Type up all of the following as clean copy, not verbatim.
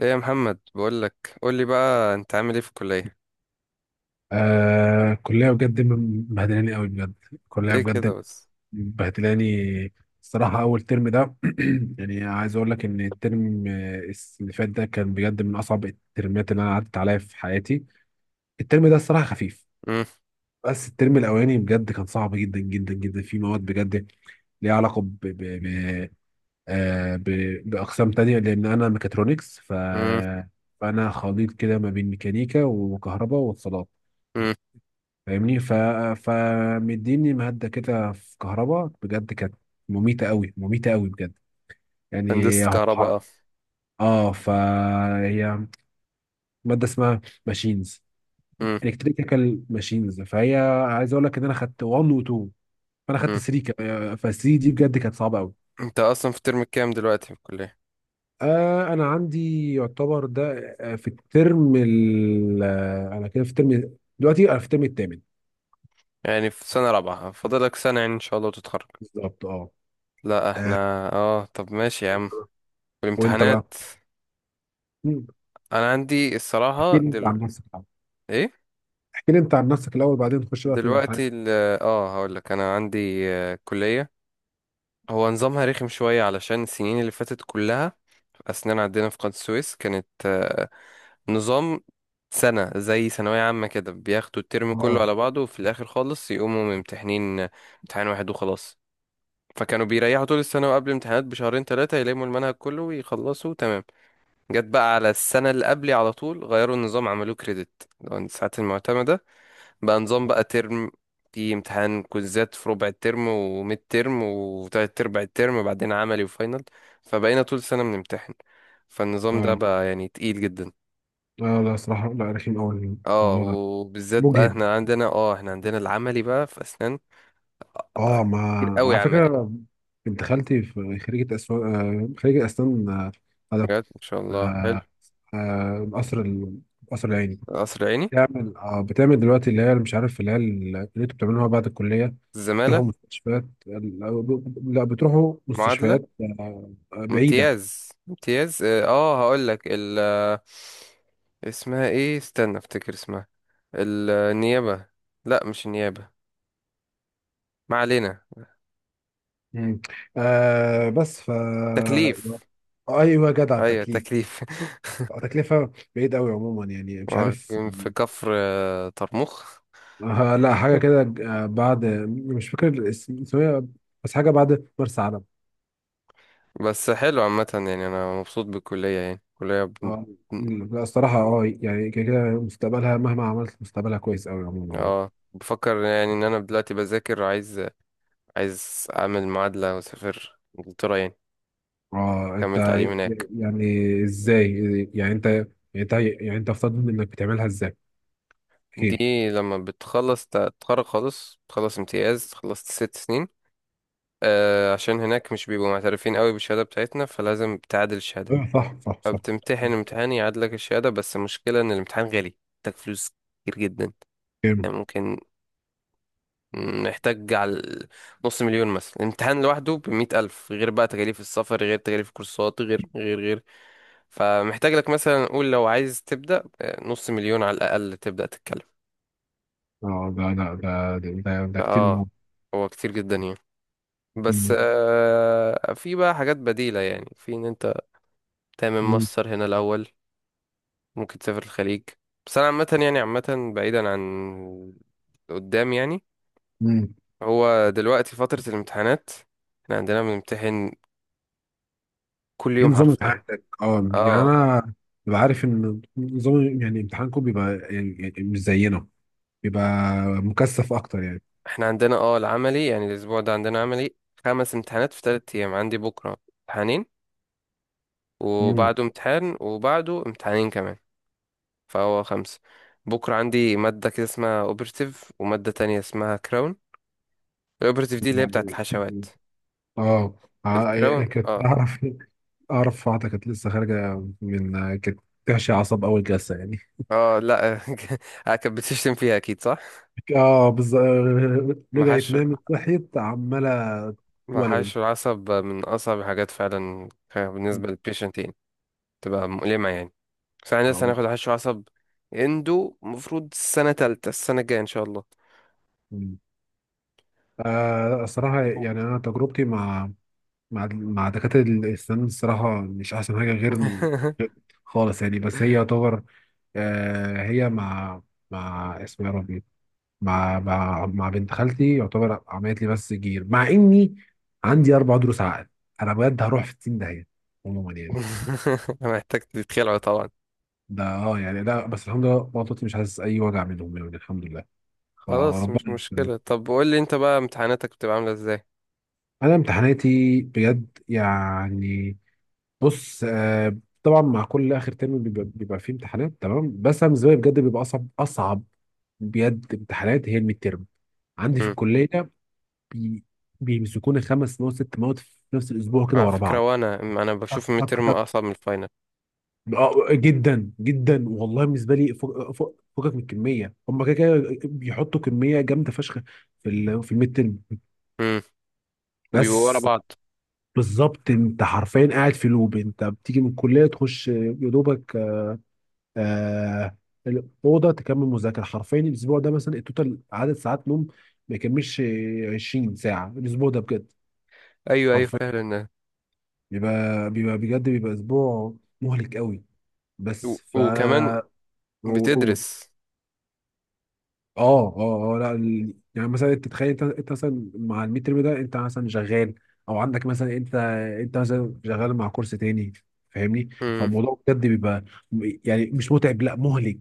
ايه يا محمد، بقول لك قول لي بقى، انت عامل ايه في الكليه؟ كلية بجد مبهدلاني قوي بجد. كلية ليه كده بجد بس؟ مبهدلاني. الصراحة أول ترم ده، يعني عايز أقول لك إن الترم اللي فات ده كان بجد من أصعب الترمات اللي أنا عدت عليها في حياتي. الترم ده الصراحة خفيف، امم. بس الترم الأولاني بجد كان صعب جدا جدا جدا في مواد بجد ليها علاقة آه ب... بأقسام تانية، لأن أنا ميكاترونكس، امم. فأنا خليط كده ما بين ميكانيكا وكهرباء واتصالات. امم. فاهمني؟ فمديني مهدة كده في كهرباء، بجد كانت مميتة قوي، مميتة قوي بجد. يعني هندسه هو معاك كهرباء ح- اه. اه فهي مادة اسمها ماشينز، امم. الكتريكال ماشينز، فهي، عايز اقول لك ان انا خدت 1 و 2، فانا خدت امم. 3 كمان، ف 3 دي بجد كانت صعبة قوي. انت اصلا في الترم الكام دلوقتي في الكليه؟ انا عندي يعتبر ده، في الترم ال آه، انا كده في الترم، دلوقتي انا في الترم الثامن. يعني في سنه رابعه، فاضلك سنه يعني ان شاء الله وتتخرج. بالظبط. اه لا احنا. آه، اه، طب ماشي يا عم. وانت بقى؟ والامتحانات؟ مم. انا عندي الصراحه احكي لي انت عن نفسك ايه، احكي لي انت عن نفسك الاول، بعدين نخش بقى في الامتحان. دلوقتي اه، هقول لك انا عندي كليه. هو نظامها رخم شويه علشان السنين اللي فاتت كلها اسنان، عندنا في قناة السويس كانت نظام سنة زي ثانوية عامة، كده بياخدوا الترم كله اه على بعضه وفي الآخر خالص يقوموا ممتحنين امتحان واحد وخلاص. فكانوا بيريحوا طول السنة، وقبل امتحانات بشهرين ثلاثة يلموا المنهج كله ويخلصوا تمام. جت بقى على السنة اللي قبلي، على طول غيروا النظام، عملوه كريدت الساعات المعتمدة، بقى نظام بقى ترم، في امتحان كوزات في ربع الترم وميد ترم وتلات أرباع الترم، بعدين عملي وفاينل. فبقينا طول السنة بنمتحن، فالنظام ده اه بقى يعني تقيل جدا. اه لا، صراحه لا، رخيم قوي اه، الموضوع ده، وبالذات بقى مجهد. احنا عندنا العملي بقى في اسنان. آه، اه ما كتير قوي على عملي. فكره، بنت خالتي في خريجه اسنان، آه خريجه اسنان آه هذا بجد ما شاء الله، حلو. آه آه قصر قصر العيني. قصر عيني. بتعمل دلوقتي اللي هي، مش عارف، اللي هي، اللي انتوا بتعملوها بعد الكليه. الزمالة. بتروحوا مستشفيات؟ لا، لا، بتروحوا معادلة. مستشفيات. بعيده. امتياز، امتياز اه. هقول لك ال آه، اسمها ايه؟ استنى افتكر اسمها النيابة. لا مش النيابة، ما علينا. مم. بس، تكليف. ايوه، أيوة، جدع ايوه التكليف. تكليف. تكلفة بعيد قوي عموما، يعني مش هو عارف. كان في كفر طرمخ. لا، حاجة كده. بعد، مش فاكر اسمها، بس حاجة بعد مرسى علم. بس حلو عامة، يعني انا مبسوط بالكلية يعني. الكلية، اه لا، الصراحة يعني كده كده، مستقبلها مهما عملت مستقبلها كويس قوي عموما يعني. اه بفكر يعني ان انا دلوقتي بذاكر، عايز اعمل معادلة واسافر انجلترا يعني، اه انت اكمل تعليم ي- هناك. يعني ازاي؟ يعني انت يعني يعني انت افترض انك بتعملها ازاي؟ احكي دي لي. لما بتخلص تتخرج خالص، تخلص امتياز، خلصت ست سنين، آه عشان هناك مش بيبقوا معترفين قوي بالشهادة بتاعتنا، فلازم تعادل الشهادة. اه صح، صح، صح. فبتمتحن امتحان يعادلك الشهادة، بس المشكلة ان الامتحان غالي، محتاج فلوس كتير جدا. كامل. يعني ممكن محتاج على نص مليون مثلا، الامتحان لوحده بمية ألف، غير بقى تكاليف السفر، غير تكاليف الكورسات، غير غير غير. فمحتاج لك مثلا، نقول لو عايز تبدأ، نص مليون على الأقل تبدأ تتكلم. اه ده ده ده كتير اه، مهم. هو كتير جدا يعني. بس مم. في بقى حاجات بديلة، يعني في ان انت تعمل مم. ماستر هنا الأول، ممكن تسافر الخليج. بس انا عامة يعني، عامة بعيدا عن قدام يعني. مم. هو دلوقتي فترة الامتحانات، احنا عندنا بنمتحن كل ايه يوم نظام حرفيا. امتحاناتك؟ اه يعني اه، انا ببقى عارف ان نظام، يعني امتحانكم بيبقى، يعني مش زينا، بيبقى مكثف اكتر يعني. احنا عندنا العملي، يعني الاسبوع ده عندنا عملي. خمس امتحانات في ثلاث ايام، عندي بكرة امتحانين، امم وبعده امتحان، وبعده امتحانين كمان. فهو خمسة. بكرة عندي مادة كده اسمها اوبرتيف، ومادة تانية اسمها كراون. الاوبرتيف دي اللي هي بتاعت الحشوات. اه الكراون يعني كنت اه. اعرف، اعرف واحده كانت لسه خارجه من، كانت تعشي عصب اول جلسه يعني. اه، لا. كانت بتشتم فيها اكيد، صح. اه بالظبط، رجعت محاش، نامت صحيت عماله تولول. محاش العصب من اصعب الحاجات فعلا. بالنسبة للبيشنتين، تبقى مؤلمة يعني. بس انا لسه آه، هناخد حشو عصب اندو، المفروض السنة تالتة السنة الجاية ان شاء الله. مم. الصراحة يعني أنا تجربتي مع دكاترة الأسنان، الصراحة مش أحسن حاجة غير خالص يعني، بس هي يعتبر، هي مع، اسمه يا ربي، مع بنت خالتي يعتبر عملت لي بس جير، مع إني عندي أربع ضروس عقل. أنا بجد هروح في 60 داهية عموما يعني. محتاج تتخلعوا طبعا. ده يعني، لا بس الحمد لله بطني مش حاسس أي وجع منهم يعني، الحمد لله. خلاص مش فربنا يستر. مشكلة. طب قول لي انت بقى، امتحاناتك بتبقى عاملة ازاي؟ أنا امتحاناتي بجد يعني، بص، طبعا مع كل اخر ترم بيبقى فيه امتحانات تمام، بس انا بالنسبه لي بجد بيبقى اصعب، اصعب بجد امتحانات هي الميد ترم، عندي في امم. الكليه. بي بيمسكوني خمس مواد ست مواد في نفس الاسبوع كده على ورا فكرة، بعض. وانا انا تك بشوف الميد تك ترم تك. اصعب من الفاينل. جدا جدا والله، بالنسبه لي فوق فوق فوقك من الكميه. هم كده كده بيحطوا كميه جامده فشخ في الميد ترم امم. وبيبقوا ورا بس. بعض. بالظبط، انت حرفيا قاعد في لوب، انت بتيجي من الكليه تخش يا دوبك آه الاوضه تكمل مذاكره. حرفيا الاسبوع ده مثلا التوتال عدد ساعات نوم ما يكملش 20 ساعه الاسبوع ده بجد. ايوه ايوه، حرفيا فعلا. بيبقى بيبقى بجد بيبقى اسبوع مهلك قوي. بس، ف وكمان و- و- بتدرس. اه اه اه لا ال- يعني مثلا انت تتخيل، انت مثلا مع الميد ترم ده، انت مثلا شغال، او عندك مثلا انت مثلا شغال مع كورس تاني. فاهمني؟ امم. فالموضوع بجد بيبقى يعني مش متعب، لا مهلك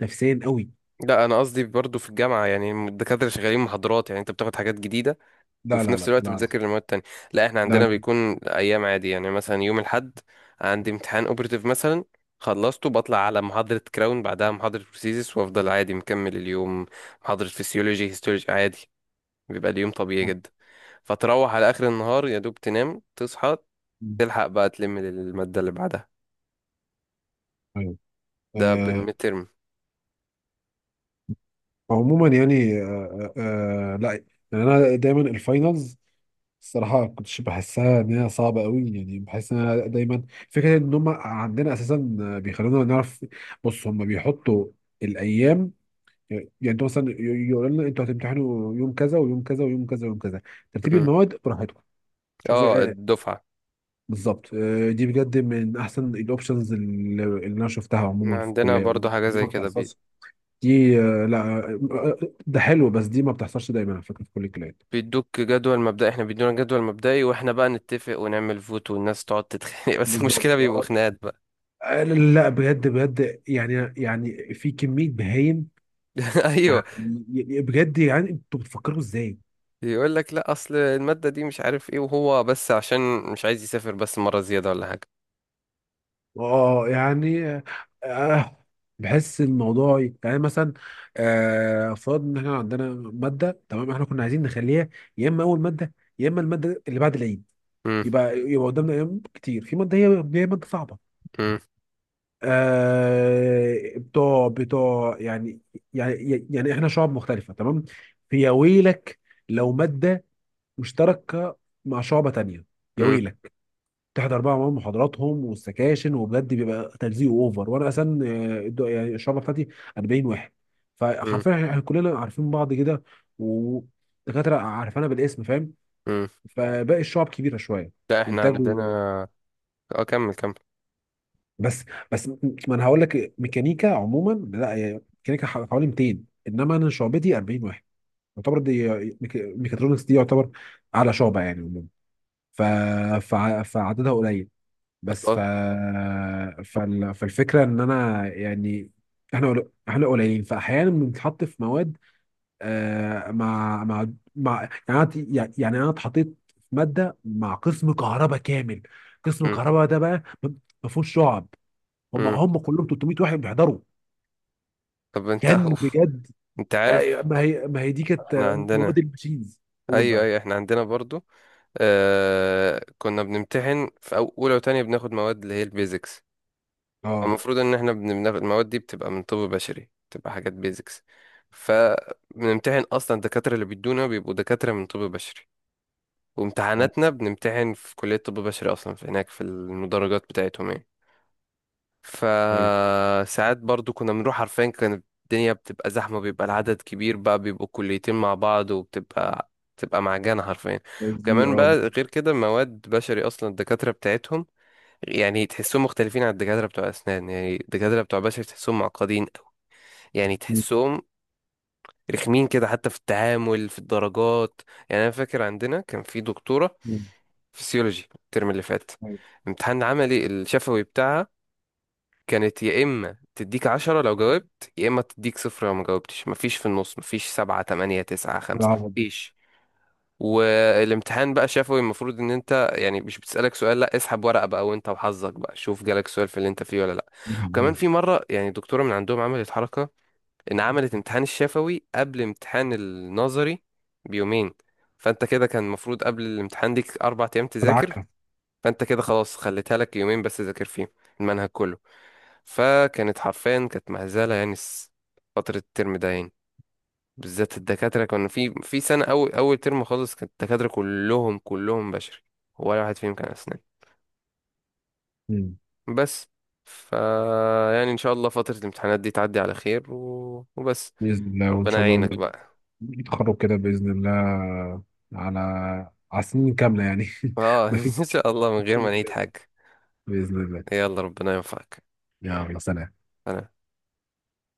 نفسيا قوي. لا انا قصدي برضو في الجامعة يعني، الدكاترة شغالين محاضرات، يعني انت بتاخد حاجات جديدة لا وفي لا نفس لا الوقت لا بتذاكر المواد التانية. لا احنا لا عندنا بيكون ايام عادي يعني. مثلا يوم الاحد عندي امتحان اوبرتيف مثلا، خلصته بطلع على محاضرة كراون، بعدها محاضرة بروسيسس، وافضل عادي مكمل اليوم، محاضرة فسيولوجي، هيستولوجي عادي، بيبقى اليوم طبيعي لا. جدا. فتروح على اخر النهار يا دوب تنام تصحى تلحق بقى تلم المادة اللي بعدها. ايوه. ده آه، بالمترم. عموما يعني، لا، يعني انا دايما الفاينلز الصراحه كنتش بحسها ان هي صعبه قوي، يعني بحس ان انا دايما، فكره ان هم عندنا اساسا بيخلونا نعرف. بص، هم بيحطوا الايام، يعني انتوا مثلا، يقولوا لنا انتوا هتمتحنوا يوم كذا ويوم كذا ويوم كذا ويوم كذا، ترتيب المواد براحتكم. شوف. اه الدفعة. بالظبط، دي بجد من احسن الاوبشنز اللي انا شفتها عموما في عندنا الكليه، برضو حاجة دي زي ما كده، بتحصلش. دي، لا، آه، ده حلو، بس دي ما بتحصلش دايما على فكره في كل الكليات. بيدوك جدول مبدئي، احنا بيدونا جدول مبدئي واحنا بقى نتفق ونعمل فوت، والناس تقعد تتخانق. بس بالظبط المشكلة بيبقوا آه. خناقات بقى. لا بجد بجد يعني، في كميه بهايم ايوه. يعني. بجد يعني انتوا بتفكروا ازاي؟ يقول لك لا، اصل المادة دي مش عارف ايه، وهو بس عشان مش عايز يسافر بس مرة زيادة ولا حاجة. اه يعني آه بحس الموضوع يعني مثلا، فرض ان احنا عندنا ماده تمام، احنا كنا عايزين نخليها يا اما اول ماده، يا اما الماده اللي بعد العيد، امم. يبقى قدامنا ايام كتير في ماده هي ماده صعبه. امم. بتوع يعني، يعني احنا شعب مختلفة تمام، فيا ويلك لو مادة مشتركة مع شعبة تانية، يا امم. ويلك، تحضر بقى معاهم محاضراتهم والسكاشن، وبجد بيبقى تلزيق اوفر. وانا اصلا، يعني الشعبة بتاعتي 40 واحد، امم. فحرفيا احنا كلنا عارفين بعض كده ودكاترة عارفانا بالاسم. فاهم؟ امم. فباقي الشعب كبيرة شوية. لا احنا انتاجه، عندنا، اه كمل كمل. بس بس، ما انا هقول لك، ميكانيكا عموما، لا هي ميكانيكا حوالي 200، انما انا شعبتي 40 واحد يعتبر. دي ميكاترونكس دي يعتبر اعلى شعبه يعني عموما. ف فعددها قليل، بس ف اه. فالفكره ان انا يعني، احنا، احنا قليلين، فاحيانا بنتحط في مواد آه مع مع مع، يعني انا، انا اتحطيت في ماده مع قسم كهرباء كامل. قسم امم. كهرباء ده بقى، ما فيهوش شعب، هم امم. هم كلهم 300 واحد بيحضروا. طب انت، كان اوف. بجد، انت عارف ما هي دي كانت احنا مواد عندنا. الماشينز. قول ايوه بقى. ايوه احنا عندنا برضو آه، كنا بنمتحن اولى وتانية بناخد مواد اللي هي البيزكس. اه المفروض ان احنا بناخد المواد دي، بتبقى من طب بشري، بتبقى حاجات بيزكس. فبنمتحن اصلا، الدكاتره اللي بيدونا بيبقوا دكاتره من طب بشري، اه وامتحاناتنا بنمتحن في كليه طب بشري اصلا، في هناك في المدرجات بتاعتهم يعني. ايوه، فساعات برضو كنا بنروح عارفين كانت الدنيا بتبقى زحمه، بيبقى العدد كبير بقى، بيبقوا كليتين مع بعض، وبتبقى معجنه حرفيا. بس دي وكمان بقى غير كده مواد بشري، اصلا الدكاتره بتاعتهم يعني تحسهم مختلفين عن الدكاترة بتوع أسنان. يعني الدكاترة بتوع بشر تحسهم معقدين أوي، يعني مم، تحسهم رخمين كده حتى في التعامل في الدرجات. يعني أنا فاكر عندنا كان في دكتورة مم، فسيولوجي الترم اللي فات، أيوة. امتحان عملي الشفوي بتاعها كانت يا إما تديك عشرة لو جاوبت، يا إما تديك صفر لو ما جاوبتش، مفيش في النص، مفيش سبعة تمانية تسعة خمسة، العبط دي. مفيش. والامتحان بقى شفوي، المفروض ان انت يعني مش بتسألك سؤال، لا اسحب ورقة بقى وانت وحظك، بقى شوف جالك سؤال في اللي انت فيه ولا لا. وكمان مم. في مرة يعني دكتورة من عندهم عملت حركة، ان عملت امتحان الشفوي قبل امتحان النظري بيومين. فانت كده كان المفروض قبل الامتحان ليك اربع ايام تذاكر، ادعكها. فانت كده خلاص خليتها لك يومين بس ذاكر فيهم المنهج كله. فكانت حرفيا كانت مهزلة يعني. فترة الترم ده يعني، بالذات الدكاترة كانوا في سنة أول أول ترم خالص، كانت الدكاترة كلهم كلهم بشري، ولا واحد فيهم كان أسنان. مم. بس ف يعني إن شاء الله فترة الامتحانات دي تعدي على خير، وبس. باذن الله، وان ربنا شاء يعينك الله بقى. يتخرج كده باذن الله، على على سنين كامله يعني. اه ما فيش إن شاء الله من غير ما مشكلة نعيد زيادة. حاجة. باذن الله. يلا ربنا ينفعك. يلا، سلام. أنا